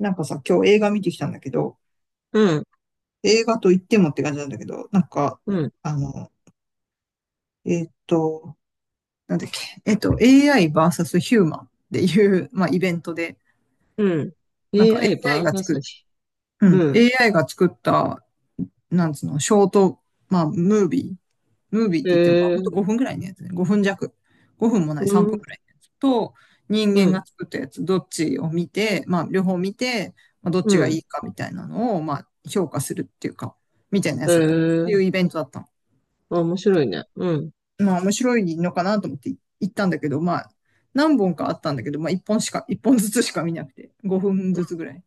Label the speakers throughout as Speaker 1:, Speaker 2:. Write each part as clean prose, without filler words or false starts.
Speaker 1: なんかさ、今日映画見てきたんだけど、
Speaker 2: うん、
Speaker 1: 映画と言ってもって感じなんだけど、なんか、
Speaker 2: うん、
Speaker 1: あの、えーっと、なんだっけ、AI v スヒューマンっていう、まあ、イベントで、
Speaker 2: うん。
Speaker 1: なんか AI
Speaker 2: AI
Speaker 1: が
Speaker 2: バー
Speaker 1: 作
Speaker 2: サ
Speaker 1: っ、
Speaker 2: ス。
Speaker 1: うん、
Speaker 2: うん。
Speaker 1: AI が作った、なんつうの、ショート、まあ、ムービー。ムービーっ
Speaker 2: へ
Speaker 1: て言っても、まあ、ほんと
Speaker 2: え、
Speaker 1: 5分ぐらいのやつね。5分弱。5分もない
Speaker 2: う
Speaker 1: 3分
Speaker 2: ん、
Speaker 1: ぐらいのやつと、人
Speaker 2: う
Speaker 1: 間
Speaker 2: ん、
Speaker 1: が作ったやつ、どっちを見て、まあ、両方見て、まあ、どっ
Speaker 2: う
Speaker 1: ちがい
Speaker 2: ん。
Speaker 1: いかみたいなのを、まあ、評価するっていうか、みたいなや
Speaker 2: へ
Speaker 1: つだったの。ってい
Speaker 2: え、
Speaker 1: うイベントだったの。
Speaker 2: あ、面白いね。うん、
Speaker 1: まあ、面白いのかなと思って行ったんだけど、まあ、何本かあったんだけど、まあ、1本しか、一本ずつしか見なくて、5分ずつぐらいの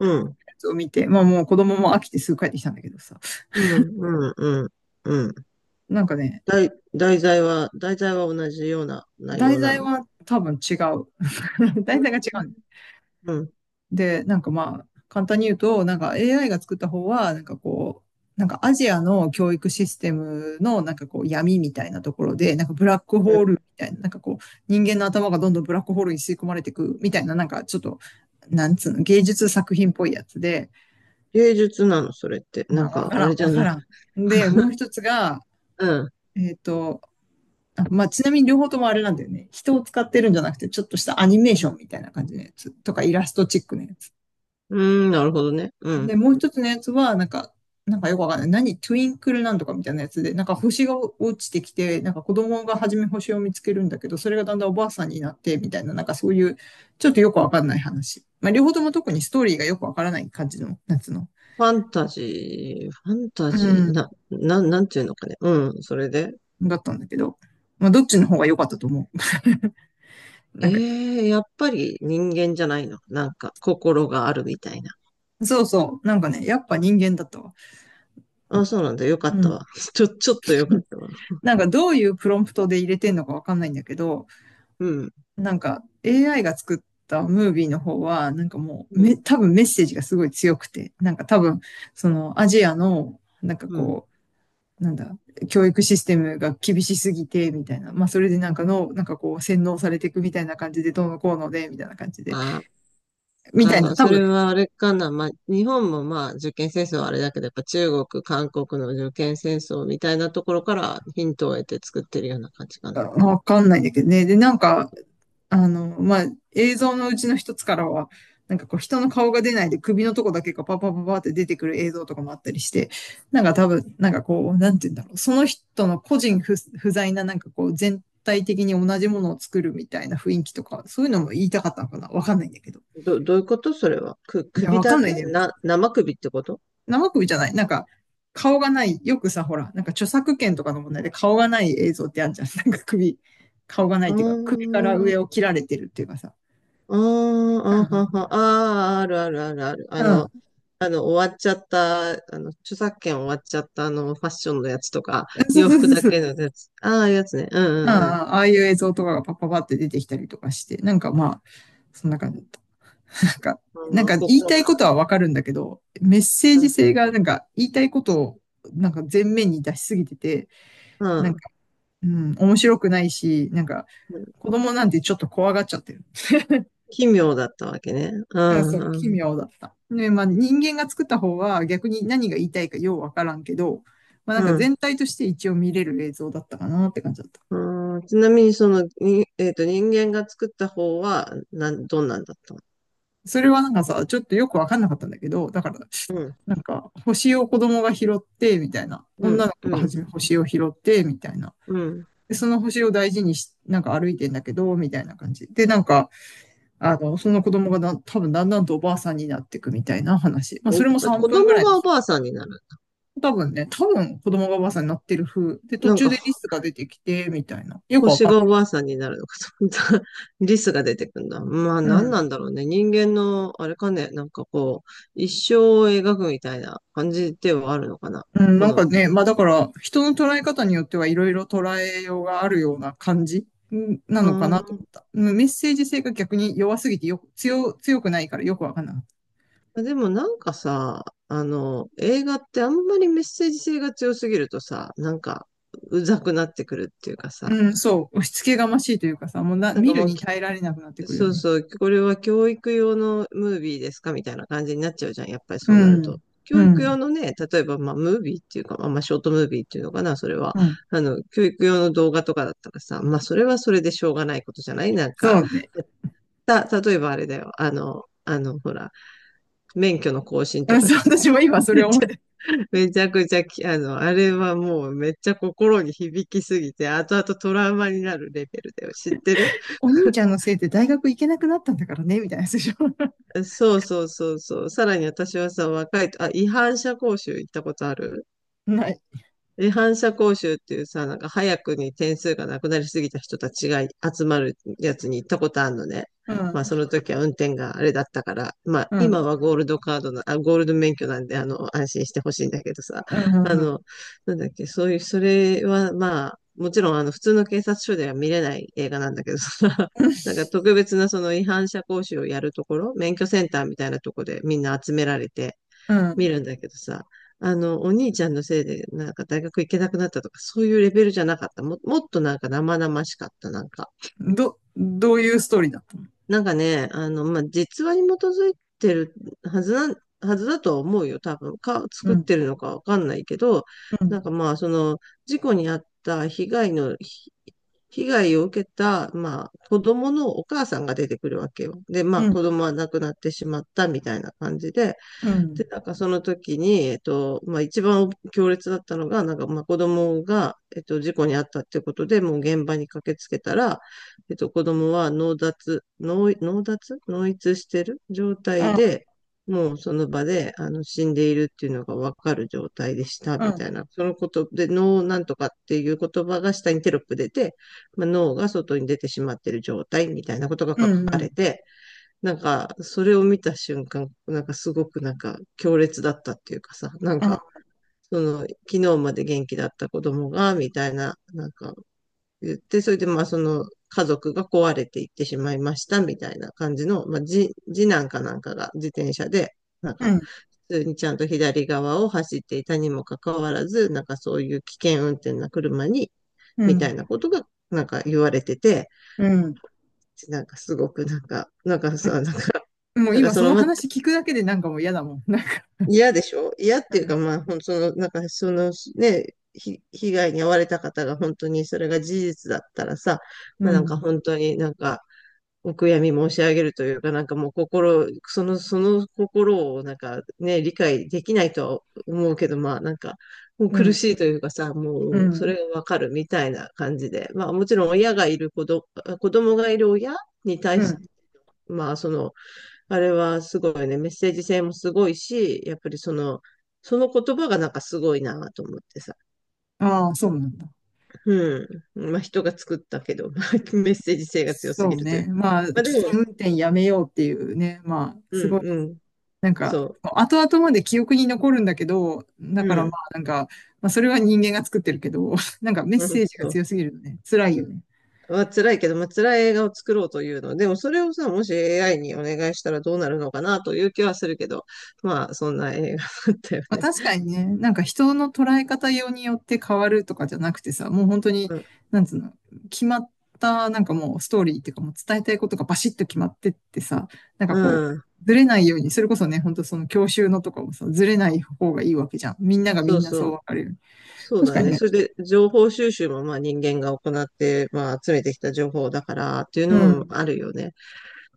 Speaker 2: う
Speaker 1: や
Speaker 2: ん、
Speaker 1: つを見て、まあ、もう子供も飽きてすぐ帰ってきたんだけどさ。
Speaker 2: うん、うん、うん。うん。
Speaker 1: なんかね、
Speaker 2: 題、題材は同じような内
Speaker 1: 題
Speaker 2: 容な
Speaker 1: 材
Speaker 2: の。
Speaker 1: は多分違う。題材が違うんだよ。
Speaker 2: うん。
Speaker 1: で、なんかまあ、簡単に言うと、なんか AI が作った方は、なんかこう、なんかアジアの教育システムのなんかこう闇みたいなところで、なんかブラックホールみ
Speaker 2: え、
Speaker 1: たいな、なんかこう人間の頭がどんどんブラックホールに吸い込まれていくみたいな、なんかちょっと、なんつうの、芸術作品っぽいやつで、
Speaker 2: 芸術なの、それって？な
Speaker 1: まあ
Speaker 2: んか、あれじ
Speaker 1: わ
Speaker 2: ゃ
Speaker 1: か
Speaker 2: ない。
Speaker 1: らん。で、もう一つが、
Speaker 2: うん。
Speaker 1: えっと、まあちなみに両方ともあれなんだよね。人を使ってるんじゃなくて、ちょっとしたアニメーションみたいな感じのやつとかイラストチックのやつ。
Speaker 2: うん、なるほどね。うん。
Speaker 1: で、もう一つのやつは、なんか、なんかよくわかんない。何トゥインクルなんとかみたいなやつで、なんか星が落ちてきて、なんか子供が初め星を見つけるんだけど、それがだんだんおばあさんになって、みたいな、なんかそういう、ちょっとよくわかんない話。まあ、両方とも特にストーリーがよくわからない感じの、夏の。
Speaker 2: ファンタジー、ファンタ
Speaker 1: う
Speaker 2: ジー、
Speaker 1: ん。
Speaker 2: なんていうのかね。うん、それで、
Speaker 1: だったんだけど、まあ、どっちの方が良かったと思う？な
Speaker 2: え
Speaker 1: んか、
Speaker 2: え、やっぱり人間じゃないの？なんか、心があるみたいな。
Speaker 1: そうそう。なんかね、やっぱ人間だったわ。
Speaker 2: あ、そうなんだ。よかっ
Speaker 1: う
Speaker 2: た
Speaker 1: ん。
Speaker 2: わ。ちょっとよかっ たわ。
Speaker 1: なんかどういうプロンプトで入れてんのかわかんないんだけど、
Speaker 2: うん、
Speaker 1: なんか AI が作ったムービーの方は、なんかもう
Speaker 2: う
Speaker 1: め、
Speaker 2: ん、
Speaker 1: 多分メッセージがすごい強くて、なんか多分、そのアジアの、なんか
Speaker 2: うん。
Speaker 1: こう、なんだ、教育システムが厳しすぎて、みたいな。まあ、それでなんかの、なんかこう、洗脳されていくみたいな感じで、どうのこうので、みたいな感じで、
Speaker 2: あ、
Speaker 1: みたいな、
Speaker 2: あ、
Speaker 1: 多
Speaker 2: そ
Speaker 1: 分、
Speaker 2: れはあれかな。まあ、日本もまあ、受験戦争はあれだけど、やっぱ中国、韓国の受験戦争みたいなところからヒントを得て作ってるような感じかな。
Speaker 1: わかんないんだけどね。で、なんか、まあ、映像のうちの一つからは、なんかこう人の顔が出ないで首のとこだけがパパパパって出てくる映像とかもあったりして、なんか多分、なんかこう、なんて言うんだろう、その人の個人不、不在ななんかこう全体的に同じものを作るみたいな雰囲気とか、そういうのも言いたかったのかなわかんないんだけど。
Speaker 2: どういうことそれは？
Speaker 1: いや、
Speaker 2: 首
Speaker 1: わか
Speaker 2: だ
Speaker 1: んない
Speaker 2: け
Speaker 1: ね。
Speaker 2: な、生首ってこと？
Speaker 1: 生首じゃない。なんか、顔がない。よくさ、ほら、なんか著作権とかの問題で顔がない映像ってあるじゃん。なんか首、顔がない
Speaker 2: う
Speaker 1: っていうか、首から
Speaker 2: ー
Speaker 1: 上
Speaker 2: ん。
Speaker 1: を切られてるっていうかさ。
Speaker 2: あ
Speaker 1: うん
Speaker 2: あ、あ
Speaker 1: う
Speaker 2: は
Speaker 1: ん。
Speaker 2: は、ああ、あるあるあるある。
Speaker 1: う
Speaker 2: あの、
Speaker 1: ん。
Speaker 2: 終わっちゃった、著作権終わっちゃった、あの、ファッションのやつとか、
Speaker 1: そう
Speaker 2: 洋
Speaker 1: そう
Speaker 2: 服
Speaker 1: そう
Speaker 2: だ
Speaker 1: そう。うんう
Speaker 2: けの
Speaker 1: ん。
Speaker 2: やつ。ああ、やつね。うん、うん、うん。
Speaker 1: ああいう映像とかがパッパパって出てきたりとかして、なんかまあ、そんな感じ、なんか、なん
Speaker 2: うん、
Speaker 1: か言い
Speaker 2: 心
Speaker 1: た
Speaker 2: が、
Speaker 1: いことはわかるんだけど、メッセージ性がなんか言いたいことをなんか前面に出しすぎてて、
Speaker 2: うん、
Speaker 1: な
Speaker 2: う
Speaker 1: ん
Speaker 2: ん。
Speaker 1: か、うん、面白くないし、なんか子供なんてちょっと怖がっちゃってる。
Speaker 2: 奇妙だったわけね。う
Speaker 1: うんそ
Speaker 2: ん、
Speaker 1: う、
Speaker 2: う
Speaker 1: 奇
Speaker 2: ん、
Speaker 1: 妙だった。ね、まあ人間が作った方は逆に何が言いたいかようわからんけど、まあな
Speaker 2: う
Speaker 1: んか
Speaker 2: ん。
Speaker 1: 全体として一応見れる映像だったかなって感じだった。
Speaker 2: うん、ちなみに、人間が作った方は、どんなんだったの？
Speaker 1: それはなんかさ、ちょっとよくわかんなかったんだけど、だから、
Speaker 2: うん、
Speaker 1: なんか、星を子供が拾って、みたいな。
Speaker 2: う
Speaker 1: 女
Speaker 2: ん、
Speaker 1: の子
Speaker 2: う
Speaker 1: が
Speaker 2: ん、
Speaker 1: 初め星を拾って、みたいな。
Speaker 2: うん。
Speaker 1: で、その星を大事にし、なんか歩いてんだけど、みたいな感じ。で、なんか、あの、その子供が多分だんだんとおばあさんになっていくみたいな話。まあ、それも
Speaker 2: 子
Speaker 1: 3分ぐ
Speaker 2: 供
Speaker 1: らいの。
Speaker 2: がおばあさんになる？
Speaker 1: 多分ね、多分子供がおばあさんになってる風。で、途
Speaker 2: なん
Speaker 1: 中でリ
Speaker 2: か、
Speaker 1: スが出てきて、みたいな。よくわ
Speaker 2: 星
Speaker 1: かん
Speaker 2: がおばあさんになるのかと思った。リスが出てくんだ。まあ
Speaker 1: ない。う
Speaker 2: 何な
Speaker 1: ん。
Speaker 2: んだろうね。人間の、あれかね、なんかこう、一生を描くみたいな感じではあるのかな。
Speaker 1: うん、
Speaker 2: こ
Speaker 1: なんか
Speaker 2: の、
Speaker 1: ね、まあだから、人の捉え方によってはいろいろ捉えようがあるような感じうんな
Speaker 2: う
Speaker 1: のかなと
Speaker 2: ー
Speaker 1: 思
Speaker 2: ん。
Speaker 1: った。うん、メッセージ性が逆に弱すぎてよく、強くないからよくわかんなかった。
Speaker 2: でもなんかさ、あの、映画ってあんまりメッセージ性が強すぎるとさ、なんか、うざくなってくるっていうかさ、
Speaker 1: うん、そう。押し付けがましいというかさ、もうな、
Speaker 2: なん
Speaker 1: 見
Speaker 2: か
Speaker 1: る
Speaker 2: もう、
Speaker 1: に耐えられなくなってくるよ
Speaker 2: そう
Speaker 1: ね。
Speaker 2: そう、これは教育用のムービーですかみたいな感じになっちゃうじゃん。やっぱり
Speaker 1: う
Speaker 2: そうなる
Speaker 1: ん、
Speaker 2: と。教
Speaker 1: う
Speaker 2: 育用
Speaker 1: ん、
Speaker 2: のね、例えば、まあ、ムービーっていうか、まあ、まあショートムービーっていうのかな、それは。
Speaker 1: うん。
Speaker 2: あの、教育用の動画とかだったらさ、まあ、それはそれでしょうがないことじゃない、なんか、
Speaker 1: そうね。
Speaker 2: 例えばあれだよ。あの、ほら、免許の更新
Speaker 1: う
Speaker 2: と
Speaker 1: ん
Speaker 2: か
Speaker 1: そう、
Speaker 2: でさ、
Speaker 1: 私も今 そ
Speaker 2: め
Speaker 1: れ
Speaker 2: っ
Speaker 1: 思っ
Speaker 2: ちゃ、
Speaker 1: て。
Speaker 2: めちゃくちゃき、あの、あれはもうめっちゃ心に響きすぎて、後々トラウマになるレベルだよ。知ってる？
Speaker 1: お兄ちゃんのせいで大学行けなくなったんだからね、みたいなやつでしょ。
Speaker 2: そうそうそうそう。さらに私はさ、若いと、あ、違反者講習行ったことある？
Speaker 1: ない。
Speaker 2: で、反者講習っていうさ、なんか早くに点数がなくなりすぎた人たちが集まるやつに行ったことあるのね。
Speaker 1: う
Speaker 2: まあ
Speaker 1: ん、
Speaker 2: その時は運転があれだったから、まあ
Speaker 1: うん、う
Speaker 2: 今
Speaker 1: ん、
Speaker 2: はゴールドカードな、あ、ゴールド免許なんで、あの、安心してほしいんだけどさ、
Speaker 1: う
Speaker 2: あ
Speaker 1: ん、
Speaker 2: の、なんだっけ、そういう、それはまあ、もちろんあの普通の警察署では見れない映画なんだけどさ、なんか特別なその違反者講習をやるところ、免許センターみたいなところでみんな集められて、
Speaker 1: うん。
Speaker 2: 見るんだけどさ、あの、お兄ちゃんのせいで、なんか大学行けなくなったとか、そういうレベルじゃなかった。もっとなんか生々しかった、なんか。
Speaker 1: うん。どういうストーリーだった？
Speaker 2: なんかね、あの、まあ、実話に基づいてるはずなん、はずだとは思うよ、多分。
Speaker 1: う
Speaker 2: 作っ
Speaker 1: ん、
Speaker 2: てるのかわかんないけど、
Speaker 1: うん、
Speaker 2: なんかまあ、その、事故に遭った被害を受けた、まあ、子供のお母さんが出てくるわけよ。で、まあ、
Speaker 1: う
Speaker 2: 子
Speaker 1: ん。
Speaker 2: 供は亡くなってしまったみたいな感じで、
Speaker 1: うん、
Speaker 2: で、なんかその時に、まあ一番強烈だったのが、なんかまあ子供が、事故に遭ったってことで、もう現場に駆けつけたら、子供は脳脱脳逸してる状
Speaker 1: う
Speaker 2: 態
Speaker 1: ん、
Speaker 2: で、もうその場で、あの、死んでいるっていうのがわかる状態でした、
Speaker 1: う
Speaker 2: み
Speaker 1: ん、
Speaker 2: たいな。そのことで、脳なんとかっていう言葉が下にテロップ出て、まあ、脳が外に出てしまっている状態みたいなことが
Speaker 1: う
Speaker 2: 書
Speaker 1: ん、
Speaker 2: か
Speaker 1: う
Speaker 2: れ
Speaker 1: ん、
Speaker 2: て、なんか、それを見た瞬間、なんかすごくなんか強烈だったっていうかさ、なん
Speaker 1: あ
Speaker 2: か、
Speaker 1: あ、
Speaker 2: その、昨日まで元気だった子供が、みたいな、なんか言って、それでまあその家族が壊れていってしまいました、みたいな感じの、まあ、次男かなんかが自転車で、なん
Speaker 1: う
Speaker 2: か、
Speaker 1: ん、
Speaker 2: 普通にちゃんと左側を走っていたにもかかわらず、なんかそういう危険運転な車に、
Speaker 1: う
Speaker 2: みた
Speaker 1: ん、
Speaker 2: いなことが、なんか言われてて、
Speaker 1: うん、
Speaker 2: なんかすごくなんか、なんかさ、なんか、
Speaker 1: うん。もう
Speaker 2: なんか
Speaker 1: 今
Speaker 2: そ
Speaker 1: そ
Speaker 2: の、
Speaker 1: の
Speaker 2: ま、
Speaker 1: 話聞くだけでなんかもう嫌だもん。なんか、
Speaker 2: 嫌でしょ、嫌っていうか、まあ、ほん、その、なんか、その、ね、ひ、被害に遭われた方が本当にそれが事実だったらさ、
Speaker 1: う
Speaker 2: まあ、なんか
Speaker 1: ん、
Speaker 2: 本当になんか、お悔やみ申し上げるというか、なんかもう心、その、その心をなんかね、理解できないとは思うけど、まあなんか、もう
Speaker 1: う
Speaker 2: 苦
Speaker 1: ん、
Speaker 2: しいというかさ、
Speaker 1: う
Speaker 2: もうそ
Speaker 1: ん、
Speaker 2: れがわかるみたいな感じで、まあもちろん親がいる子供がいる親に対
Speaker 1: う
Speaker 2: し、
Speaker 1: ん。
Speaker 2: まあその、あれはすごいね、メッセージ性もすごいし、やっぱりその、その言葉がなんかすごいなと思ってさ。
Speaker 1: ああ、そうなんだ。
Speaker 2: うん。まあ人が作ったけど、まあメッセージ性が強す
Speaker 1: そ
Speaker 2: ぎ
Speaker 1: う
Speaker 2: るという
Speaker 1: ね。
Speaker 2: か。
Speaker 1: まあ、
Speaker 2: まあで
Speaker 1: 危
Speaker 2: も、
Speaker 1: 険運転やめようっていうね。まあ、
Speaker 2: う
Speaker 1: す
Speaker 2: ん
Speaker 1: ごい、
Speaker 2: うん、
Speaker 1: なんか、
Speaker 2: そ
Speaker 1: 後々まで記憶に残るんだけど、だ
Speaker 2: う。う
Speaker 1: からまあ、
Speaker 2: ん、
Speaker 1: なんか、まあ、それは人間が作ってるけど、なんかメッ
Speaker 2: うん、
Speaker 1: セージが
Speaker 2: そう。
Speaker 1: 強すぎるのね。辛いよね。
Speaker 2: まあ辛いけど、まあ辛い映画を作ろうというの。でもそれをさ、もし AI にお願いしたらどうなるのかなという気はするけど、まあそんな映画だったよ
Speaker 1: まあ、
Speaker 2: ね。
Speaker 1: 確かにね、なんか人の捉え方用によって変わるとかじゃなくてさ、もう本当に、
Speaker 2: うん、
Speaker 1: なんつうの、決まった、なんかもうストーリーっていうかもう伝えたいことがバシッと決まってってさ、なんか
Speaker 2: う
Speaker 1: こ
Speaker 2: ん、
Speaker 1: う、ずれないように、それこそね、本当その教習のとかもさ、ずれない方がいいわけじゃん。みんながみ
Speaker 2: そう
Speaker 1: んなそ
Speaker 2: そ
Speaker 1: う
Speaker 2: う。
Speaker 1: 分かれる。
Speaker 2: そう
Speaker 1: 確
Speaker 2: だ
Speaker 1: かに
Speaker 2: ね。
Speaker 1: ね。
Speaker 2: それで、情報収集も、まあ、人間が行って、まあ、集めてきた情報だから、っていう
Speaker 1: う
Speaker 2: のも
Speaker 1: ん、
Speaker 2: あるよね。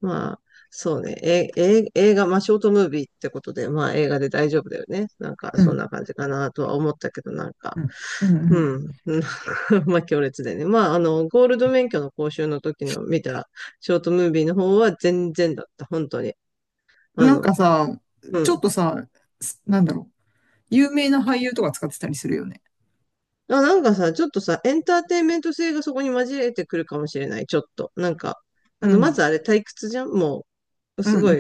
Speaker 2: まあ、そうね。映画、まあ、ショートムービーってことで、まあ、映画で大丈夫だよね。なんか、
Speaker 1: う
Speaker 2: そ
Speaker 1: ん、
Speaker 2: んな感じかな、とは思ったけど、なん
Speaker 1: う
Speaker 2: か、
Speaker 1: ん、う
Speaker 2: う
Speaker 1: ん、
Speaker 2: ん。なんか まあ、強烈でね。まあ、あの、ゴールド免許の講習の時の見たショートムービーの方は全然だった。本当に。
Speaker 1: うん。
Speaker 2: あ
Speaker 1: なん
Speaker 2: の、
Speaker 1: かさ、
Speaker 2: う
Speaker 1: ちょっ
Speaker 2: ん。
Speaker 1: とさ、なんだろう、有名な俳優とか使ってたりするよね。
Speaker 2: あ、なんかさ、ちょっとさ、エンターテインメント性がそこに混じれてくるかもしれない、ちょっと。なんか、あ
Speaker 1: う
Speaker 2: の、ま
Speaker 1: ん、
Speaker 2: ずあれ退屈じゃん。もう、
Speaker 1: うん、
Speaker 2: す
Speaker 1: う
Speaker 2: ご
Speaker 1: ん、
Speaker 2: い、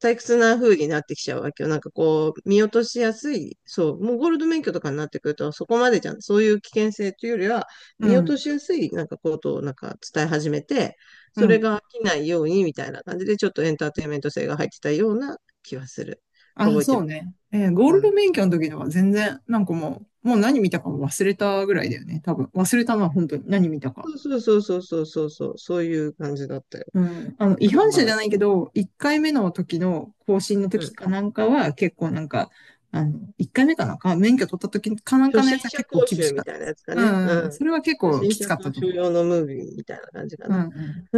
Speaker 2: 退屈な風になってきちゃうわけよ。なんかこう、見落としやすい。そう、もうゴールド免許とかになってくると、そこまでじゃん。そういう危険性というよりは、
Speaker 1: う
Speaker 2: 見落と
Speaker 1: ん、
Speaker 2: しやすい、なんかことをなんか伝え始めて、
Speaker 1: う
Speaker 2: それ
Speaker 1: ん。
Speaker 2: が飽きないようにみたいな感じで、ちょっとエンターテインメント性が入ってたような気はする。
Speaker 1: あ、
Speaker 2: 覚えて
Speaker 1: そう
Speaker 2: る。
Speaker 1: ね。えーゴールド免許の時とか全然、なんかもう、もう何見たかも忘れたぐらいだよね。多分。忘れたのは本当に何見たか。
Speaker 2: そうそうそうそうそうそう、そういう感じだったよ。
Speaker 1: うん。あの、違
Speaker 2: だから
Speaker 1: 反者
Speaker 2: ま
Speaker 1: じ
Speaker 2: あ、
Speaker 1: ゃないけど、1回目の時の更新の
Speaker 2: う
Speaker 1: 時
Speaker 2: ん。
Speaker 1: かなんかは結構なんか、あの、1回目かなんか、免許取った時かなん
Speaker 2: 初
Speaker 1: かの
Speaker 2: 心
Speaker 1: やつは
Speaker 2: 者
Speaker 1: 結構
Speaker 2: 講
Speaker 1: 厳
Speaker 2: 習
Speaker 1: しか
Speaker 2: み
Speaker 1: っ
Speaker 2: たいなやつか
Speaker 1: た。う
Speaker 2: ね。う
Speaker 1: んうん。
Speaker 2: ん。
Speaker 1: それは結
Speaker 2: 初
Speaker 1: 構
Speaker 2: 心
Speaker 1: きつ
Speaker 2: 者
Speaker 1: かった
Speaker 2: 講
Speaker 1: と
Speaker 2: 習
Speaker 1: 思う。
Speaker 2: 用のムービーみたいな感じか
Speaker 1: うん
Speaker 2: な。
Speaker 1: うん。